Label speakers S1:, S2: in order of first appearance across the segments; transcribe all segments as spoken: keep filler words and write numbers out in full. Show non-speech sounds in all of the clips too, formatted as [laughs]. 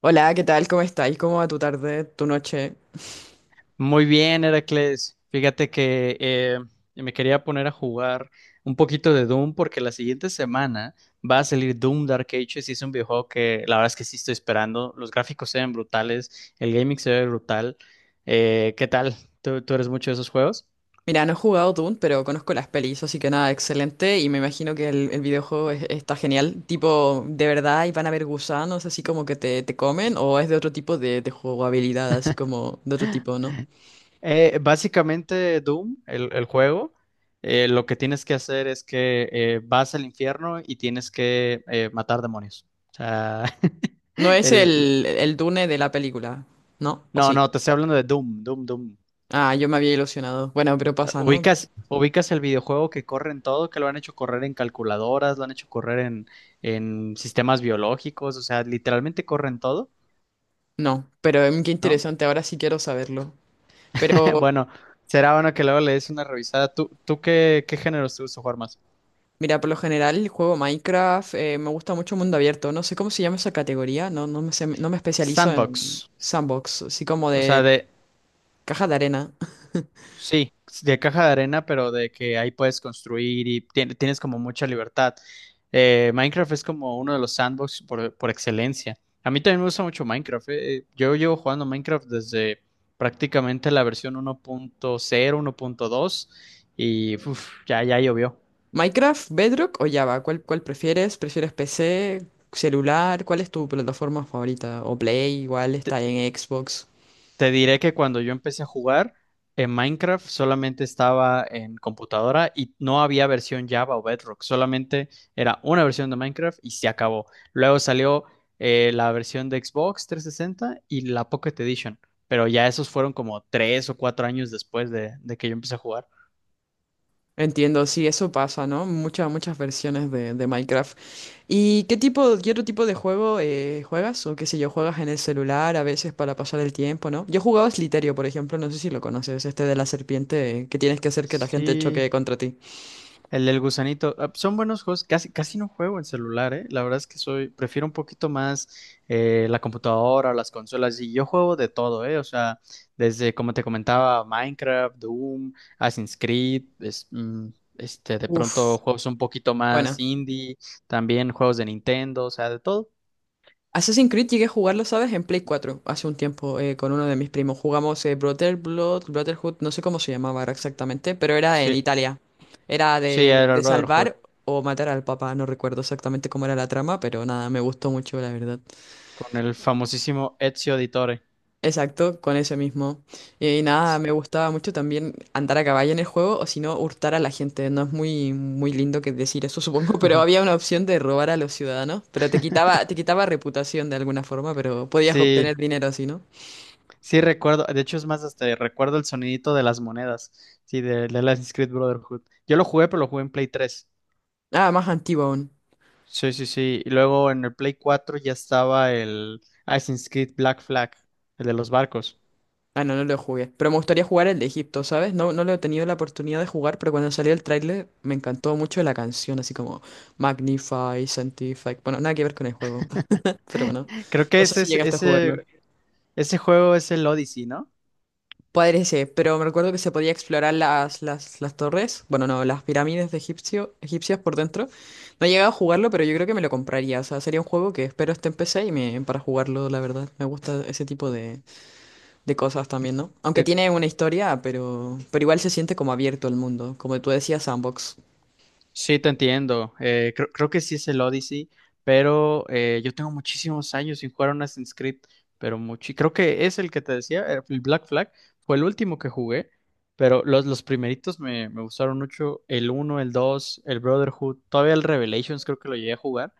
S1: Hola, ¿qué tal? ¿Cómo estáis? ¿Cómo va tu tarde, tu noche?
S2: Muy bien, Heracles. Fíjate que eh, me quería poner a jugar un poquito de Doom porque la siguiente semana va a salir Doom Dark Ages y es un videojuego que la verdad es que sí estoy esperando. Los gráficos se ven brutales, el gaming se ve brutal. Eh, ¿qué tal? ¿Tú, tú eres mucho de esos juegos?
S1: Mira, no he jugado Doom, pero conozco las pelis, así que nada, excelente. Y me imagino que el, el videojuego es- está genial. Tipo, ¿de verdad y van a haber gusanos así como que te, te comen? ¿O es de otro tipo de, de jugabilidad, así como de otro tipo, ¿no?
S2: Eh, básicamente Doom, el, el juego, eh, lo que tienes que hacer es que eh, vas al infierno y tienes que eh, matar demonios. O sea, [laughs]
S1: No es
S2: el,
S1: el, el Dune de la película, ¿no? ¿O
S2: No,
S1: sí?
S2: no, te estoy hablando de Doom, Doom, Doom.
S1: Ah, yo me había ilusionado. Bueno, pero pasa, ¿no?
S2: Ubicas, ubicas el videojuego que corre en todo, que lo han hecho correr en calculadoras, lo han hecho correr en, en sistemas biológicos, o sea, literalmente corren todo,
S1: No, pero em, qué
S2: ¿no?
S1: interesante, ahora sí quiero saberlo.
S2: [laughs]
S1: Pero
S2: Bueno, será bueno que luego le des una revisada. ¿Tú, tú qué, qué géneros te gusta jugar más?
S1: mira, por lo general juego Minecraft, eh, me gusta mucho mundo abierto, no sé cómo se llama esa categoría, no, no me, sé- no me especializo en
S2: Sandbox,
S1: sandbox, así como
S2: o sea,
S1: de
S2: de
S1: caja de arena.
S2: sí, de caja de arena, pero de que ahí puedes construir y tien- tienes como mucha libertad. Eh, Minecraft es como uno de los sandbox por, por excelencia. A mí también me gusta mucho Minecraft. eh, eh, Yo llevo jugando Minecraft desde prácticamente la versión uno punto cero, uno punto dos y uf, ya, ya llovió.
S1: [laughs] Minecraft, Bedrock o Java, ¿cuál, cuál prefieres? ¿Prefieres P C, celular? ¿Cuál es tu plataforma favorita? ¿O Play? Igual está en Xbox.
S2: Te diré que cuando yo empecé a jugar en Minecraft solamente estaba en computadora y no había versión Java o Bedrock, solamente era una versión de Minecraft y se acabó. Luego salió eh, la versión de Xbox trescientos sesenta y la Pocket Edition, pero ya esos fueron como tres o cuatro años después de, de que yo empecé a jugar.
S1: Entiendo, sí, eso pasa, ¿no? Muchas, muchas versiones de, de Minecraft. ¿Y qué tipo, qué otro tipo de juego eh, juegas? O qué sé yo, juegas en el celular a veces para pasar el tiempo, ¿no? Yo jugaba Sliterio, por ejemplo, no sé si lo conoces, este de la serpiente eh, que tienes que hacer que la gente
S2: Sí.
S1: choque contra ti.
S2: El del gusanito. ah, Son buenos juegos. Casi, casi no juego en celular, ¿eh? La verdad es que soy, prefiero un poquito más eh, la computadora o las consolas. Y yo juego de todo, ¿eh? O sea, desde, como te comentaba, Minecraft, Doom, Assassin's Creed, es- mm, este, de
S1: Uf,
S2: pronto juegos un poquito más
S1: bueno.
S2: indie, también juegos de Nintendo, o sea, de todo.
S1: Assassin's Creed llegué a jugarlo, ¿sabes? En Play cuatro hace un tiempo eh, con uno de mis primos. Jugamos eh, Brother Blood, Brotherhood, no sé cómo se llamaba ahora exactamente, pero era en
S2: Sí,
S1: Italia. Era
S2: sí,
S1: de,
S2: era el
S1: de
S2: Brotherhood,
S1: salvar o matar al papá, no recuerdo exactamente cómo era la trama, pero nada, me gustó mucho, la verdad.
S2: con el famosísimo Ezio Auditore.
S1: Exacto, con ese mismo. Y, nada, me gustaba mucho también andar a caballo en el juego o si no, hurtar a la gente. No es muy, muy lindo que decir eso, supongo, [laughs] pero había
S2: [laughs]
S1: una opción de robar a los ciudadanos, pero te quitaba, te quitaba reputación de alguna forma, pero podías
S2: Sí,
S1: obtener dinero así, ¿no?
S2: sí, recuerdo, de hecho es más, hasta recuerdo el sonidito de las monedas, sí, de, de Assassin's Creed Brotherhood. Yo lo jugué, pero lo jugué en Play tres.
S1: Ah, más antiguo aún.
S2: Sí, sí, sí. Y luego en el Play cuatro ya estaba el Assassin's Creed Black Flag, el de los barcos.
S1: Ah, no, no lo jugué. Pero me gustaría jugar el de Egipto, ¿sabes? No, no lo he tenido la oportunidad de jugar, pero cuando salió el tráiler me encantó mucho la canción, así como Magnify, Sanctify. Bueno, nada que ver con el juego, [laughs] pero
S2: [gasps]
S1: bueno.
S2: Creo que
S1: No sé
S2: ese,
S1: si
S2: ese,
S1: llegaste a
S2: ese
S1: jugarlo.
S2: ese juego es el Odyssey, ¿no?
S1: Parece, pero me recuerdo que se podía explorar las, las, las torres, bueno, no, las pirámides de egipcio, egipcias por dentro. No he llegado a jugarlo, pero yo creo que me lo compraría. O sea, sería un juego que espero esté en P C y me, para jugarlo, la verdad. Me gusta ese tipo de, de cosas también, ¿no? Aunque tiene una historia, pero, pero igual se siente como abierto al mundo, como tú decías, sandbox.
S2: Sí, te entiendo. Eh, creo, creo que sí es el Odyssey, pero eh, yo tengo muchísimos años sin jugar a un Assassin's Creed, pero mucho. Creo que es el que te decía, eh, el Black Flag, fue el último que jugué, pero los, los primeritos me, me gustaron mucho, el uno, el dos, el Brotherhood, todavía el Revelations creo que lo llegué a jugar,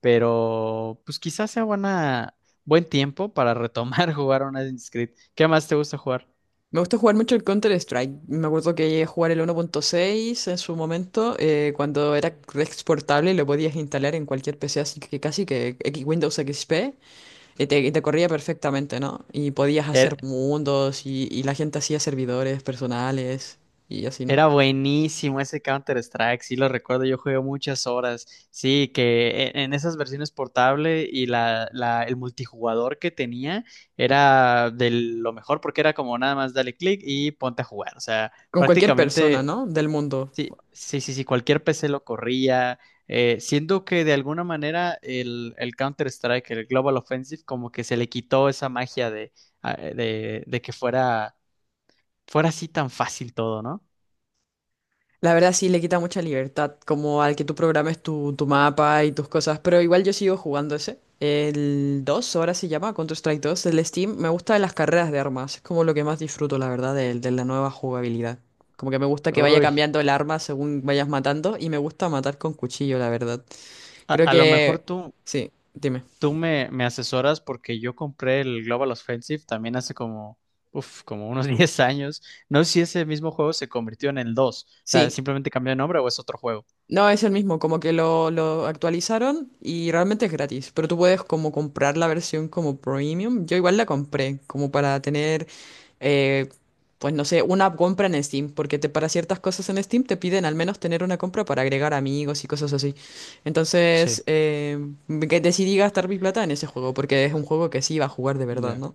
S2: pero pues quizás sea buena, buen tiempo para retomar [laughs] jugar a un Assassin's Creed. ¿Qué más te gusta jugar?
S1: Me gusta jugar mucho el Counter-Strike. Me acuerdo que llegué a jugar el uno punto seis en su momento, eh, cuando era exportable y lo podías instalar en cualquier P C, así que casi que X- Windows X P, y te, y te corría perfectamente, ¿no? Y podías
S2: Er,
S1: hacer mundos y, y la gente hacía servidores personales y así, ¿no?
S2: Era buenísimo ese Counter-Strike, sí lo recuerdo, yo jugué muchas horas. Sí, que e- en esas versiones portable y la, la- el multijugador que tenía era de lo mejor porque era como nada más dale clic y ponte a jugar. O sea,
S1: Con cualquier
S2: prácticamente,
S1: persona, ¿no? Del mundo.
S2: sí, sí, sí, sí, cualquier P C lo corría. eh, siento que de alguna manera el, el Counter-Strike, el Global Offensive, como que se le quitó esa magia de, a- de, de que fuera, fuera así tan fácil todo, ¿no?
S1: La verdad sí le quita mucha libertad, como al que tú programes tu, tu mapa y tus cosas, pero igual yo sigo jugando ese. El dos ahora se llama Counter-Strike dos el Steam, me gusta de las carreras de armas, es como lo que más disfruto, la verdad, de, de la nueva jugabilidad. Como que me gusta que vaya
S2: Uy.
S1: cambiando el arma según vayas matando y me gusta matar con cuchillo, la verdad.
S2: A,
S1: Creo
S2: a lo mejor
S1: que...
S2: tú,
S1: Sí, dime.
S2: tú me, me asesoras porque yo compré el Global Offensive también hace como, uf, como unos [laughs] diez años. No sé si ese mismo juego se convirtió en el dos. O sea,
S1: Sí,
S2: simplemente cambió de nombre o es otro juego.
S1: no, es el mismo, como que lo, lo actualizaron y realmente es gratis, pero tú puedes como comprar la versión como premium. Yo igual la compré, como para tener, eh, pues no sé, una compra en Steam, porque te, para ciertas cosas en Steam te piden al menos tener una compra para agregar amigos y cosas así.
S2: Sí.
S1: Entonces, eh, que decidí gastar mi plata en ese juego, porque es un juego que sí iba a jugar de verdad,
S2: Ya.
S1: ¿no?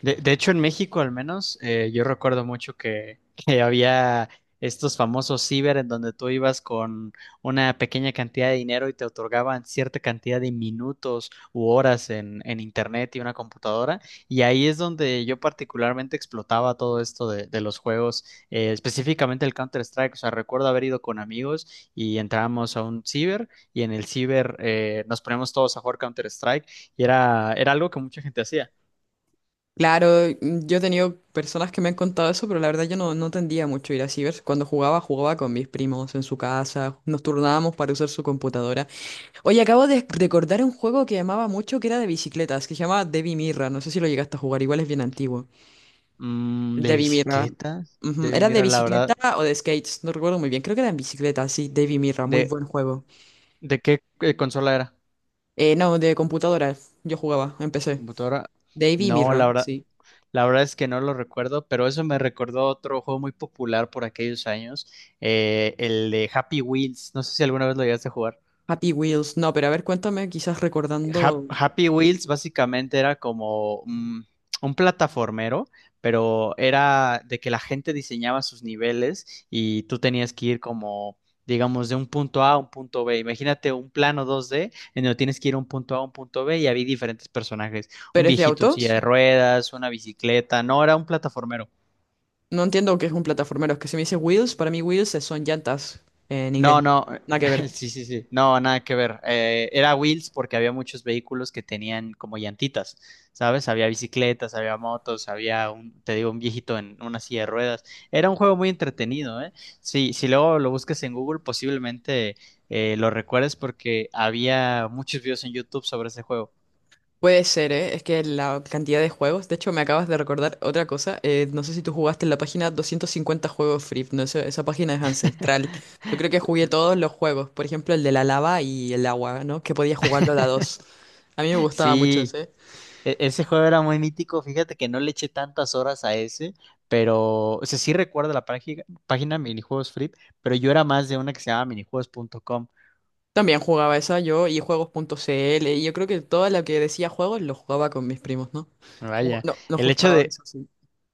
S2: De, de hecho, en México al menos, eh, yo recuerdo mucho que, [laughs] que había estos famosos ciber en donde tú ibas con una pequeña cantidad de dinero y te otorgaban cierta cantidad de minutos u horas en, en, internet y una computadora. Y ahí es donde yo particularmente explotaba todo esto de, de los juegos, eh, específicamente el Counter-Strike. O sea, recuerdo haber ido con amigos y entrábamos a un ciber y en el ciber eh, nos poníamos todos a jugar Counter-Strike y era, era algo que mucha gente hacía.
S1: Claro, mm, yo he tenido personas que me han contado eso, pero la verdad yo no, no tendía mucho a ir a cibers. Cuando jugaba, jugaba con mis primos en su casa, nos turnábamos para usar su computadora. Oye, acabo de recordar un juego que amaba mucho, que era de bicicletas, que se llamaba Devi Mirra, no sé si lo llegaste a jugar, igual es bien antiguo.
S2: Mm, ¿de
S1: Devi Mirra.
S2: bicicleta?
S1: Ujú.
S2: De,
S1: Era de
S2: mira, la verdad,
S1: bicicleta o de skates, no recuerdo muy bien, creo que era en bicicleta, sí, Devi Mirra, muy
S2: ¿de,
S1: buen juego.
S2: de qué eh, consola era?
S1: Eh, no, de computadora, yo jugaba, empecé.
S2: ¿Computadora?
S1: Devi
S2: No, la
S1: Mirra,
S2: verdad,
S1: sí.
S2: la verdad es que no lo recuerdo, pero eso me recordó otro juego muy popular por aquellos años, eh, el de Happy Wheels. No sé si alguna vez lo llegaste a jugar.
S1: Happy Wheels, no, pero a ver, cuéntame, quizás recordando.
S2: Hap- Happy Wheels básicamente era como mm, un plataformero, pero era de que la gente diseñaba sus niveles y tú tenías que ir como, digamos, de un punto A a un punto B. Imagínate un plano dos D en donde tienes que ir a un punto A a un punto B y había diferentes personajes, un
S1: ¿Pero es de
S2: viejito en
S1: autos?
S2: silla de ruedas, una bicicleta, no, era un plataformero.
S1: No entiendo qué es un plataformero. Es que si me dice wheels, para mí wheels es- son llantas en inglés.
S2: No, no,
S1: Nada que ver.
S2: [laughs] sí, sí, sí, no, nada que ver. Eh, era wheels porque había muchos vehículos que tenían como llantitas, ¿sabes? Había bicicletas, había motos, había un, te digo, un viejito en una silla de ruedas. Era un juego muy entretenido, ¿eh? Sí, si luego lo buscas en Google, posiblemente eh, lo recuerdes porque había muchos videos en YouTube sobre ese juego.
S1: Puede ser, ¿eh? Es que la cantidad de juegos. De hecho, me acabas de recordar otra cosa. Eh, no sé si tú jugaste en la página doscientos cincuenta juegos free. No sé, esa página es ancestral. Yo creo que jugué todos los juegos. Por ejemplo, el de la lava y el agua, ¿no? Que podía jugarlo a la dos. A mí me gustaba mucho
S2: Sí,
S1: ese.
S2: E- ese juego era muy mítico, fíjate que no le eché tantas horas a ese, pero, o sea, sí recuerdo la página, página Minijuegos Free, pero yo era más de una que se llama minijuegos punto com.
S1: También jugaba esa yo y juegos.cl. Y yo creo que todo lo que decía juegos lo jugaba con mis primos, ¿no? Ju-
S2: Vaya,
S1: no, nos
S2: el hecho
S1: gustaba,
S2: de,
S1: eso sí.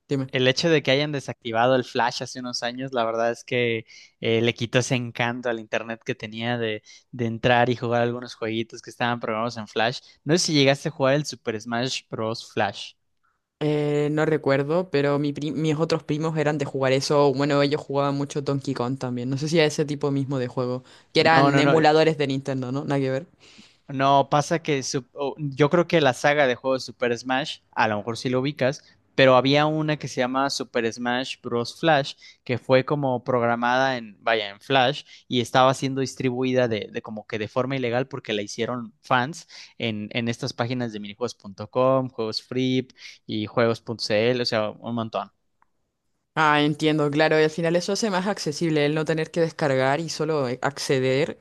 S1: Dime.
S2: el hecho de que hayan desactivado el Flash hace unos años, la verdad es que eh, le quitó ese encanto al internet que tenía de, de, entrar y jugar algunos jueguitos que estaban programados en Flash. No sé si llegaste a jugar el Super Smash Bros. Flash.
S1: Eh, no recuerdo, pero mi pri- mis otros primos eran de jugar eso. Bueno, ellos jugaban mucho Donkey Kong también. No sé si a ese tipo mismo de juego, que
S2: No,
S1: eran
S2: no, no,
S1: emuladores de Nintendo, ¿no? Nada que ver.
S2: no, pasa que su- o- yo creo que la saga de juegos Super Smash, a lo mejor sí lo ubicas, pero había una que se llama Super Smash Bros. Flash, que fue como programada en, vaya, en Flash y estaba siendo distribuida de, de como que de forma ilegal porque la hicieron fans en, en estas páginas de minijuegos punto com, juegos free y juegos punto c l, o sea, un montón.
S1: Ah, entiendo, claro, y al final eso hace más accesible el no tener que descargar y solo eh, acceder.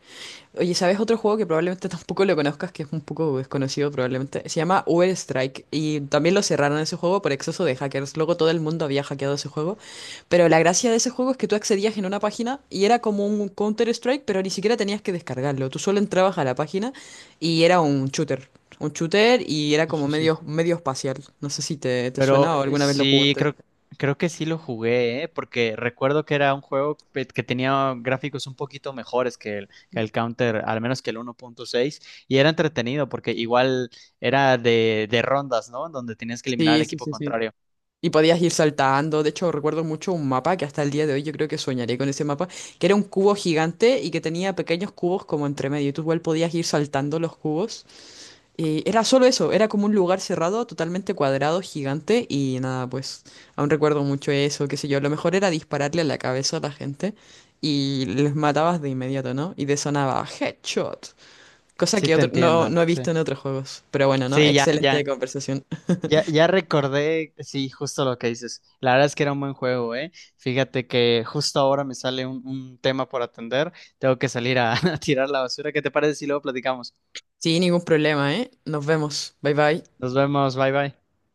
S1: Oye, ¿sabes otro juego que probablemente [laughs] tampoco lo conozcas, que es un poco desconocido probablemente? Se llama Uber Strike y también lo cerraron ese juego por exceso de hackers. Luego todo el mundo había hackeado ese juego. Pero la gracia de ese juego es que tú accedías en una página y era como un Counter Strike, pero ni siquiera tenías que descargarlo. Tú solo entrabas a la página y era un shooter. Un shooter y era
S2: Sí,
S1: como
S2: sí, sí.
S1: medio, medio espacial. No sé si te, te
S2: Pero
S1: suena o
S2: eh,
S1: alguna vez lo
S2: sí,
S1: jugaste.
S2: creo, creo que sí lo jugué, ¿eh? Porque recuerdo que era un juego pe- que tenía gráficos un poquito mejores que el, que el Counter, al menos que el uno punto seis y era entretenido porque igual era de, de rondas, ¿no? Donde tenías que eliminar al
S1: Sí, sí,
S2: equipo
S1: sí, sí.
S2: contrario.
S1: Y podías ir saltando. De hecho, recuerdo mucho un mapa que hasta el día de hoy yo creo que soñaré con ese mapa, que era un cubo gigante y que tenía pequeños cubos como entre medio. Y tú igual podías ir saltando los cubos. Y era solo eso, era como un lugar cerrado, totalmente cuadrado, gigante. Y nada, pues aún recuerdo mucho eso, qué sé yo. Lo mejor era dispararle a la cabeza a la gente y les matabas de inmediato, ¿no? Y te sonaba headshot. Cosa
S2: Sí,
S1: que
S2: te
S1: otro- no,
S2: entiendo,
S1: no he
S2: sí.
S1: visto en otros juegos. Pero bueno, ¿no?
S2: Sí, ya, ya,
S1: Excelente conversación.
S2: ya, ya recordé, sí, justo lo que dices. La verdad es que era un buen juego, ¿eh? Fíjate que justo ahora me sale un, un tema por atender. Tengo que salir a, [laughs] a tirar la basura. ¿Qué te parece si luego platicamos?
S1: Sí, ningún problema, ¿eh? Nos vemos. Bye bye.
S2: Nos vemos, bye bye.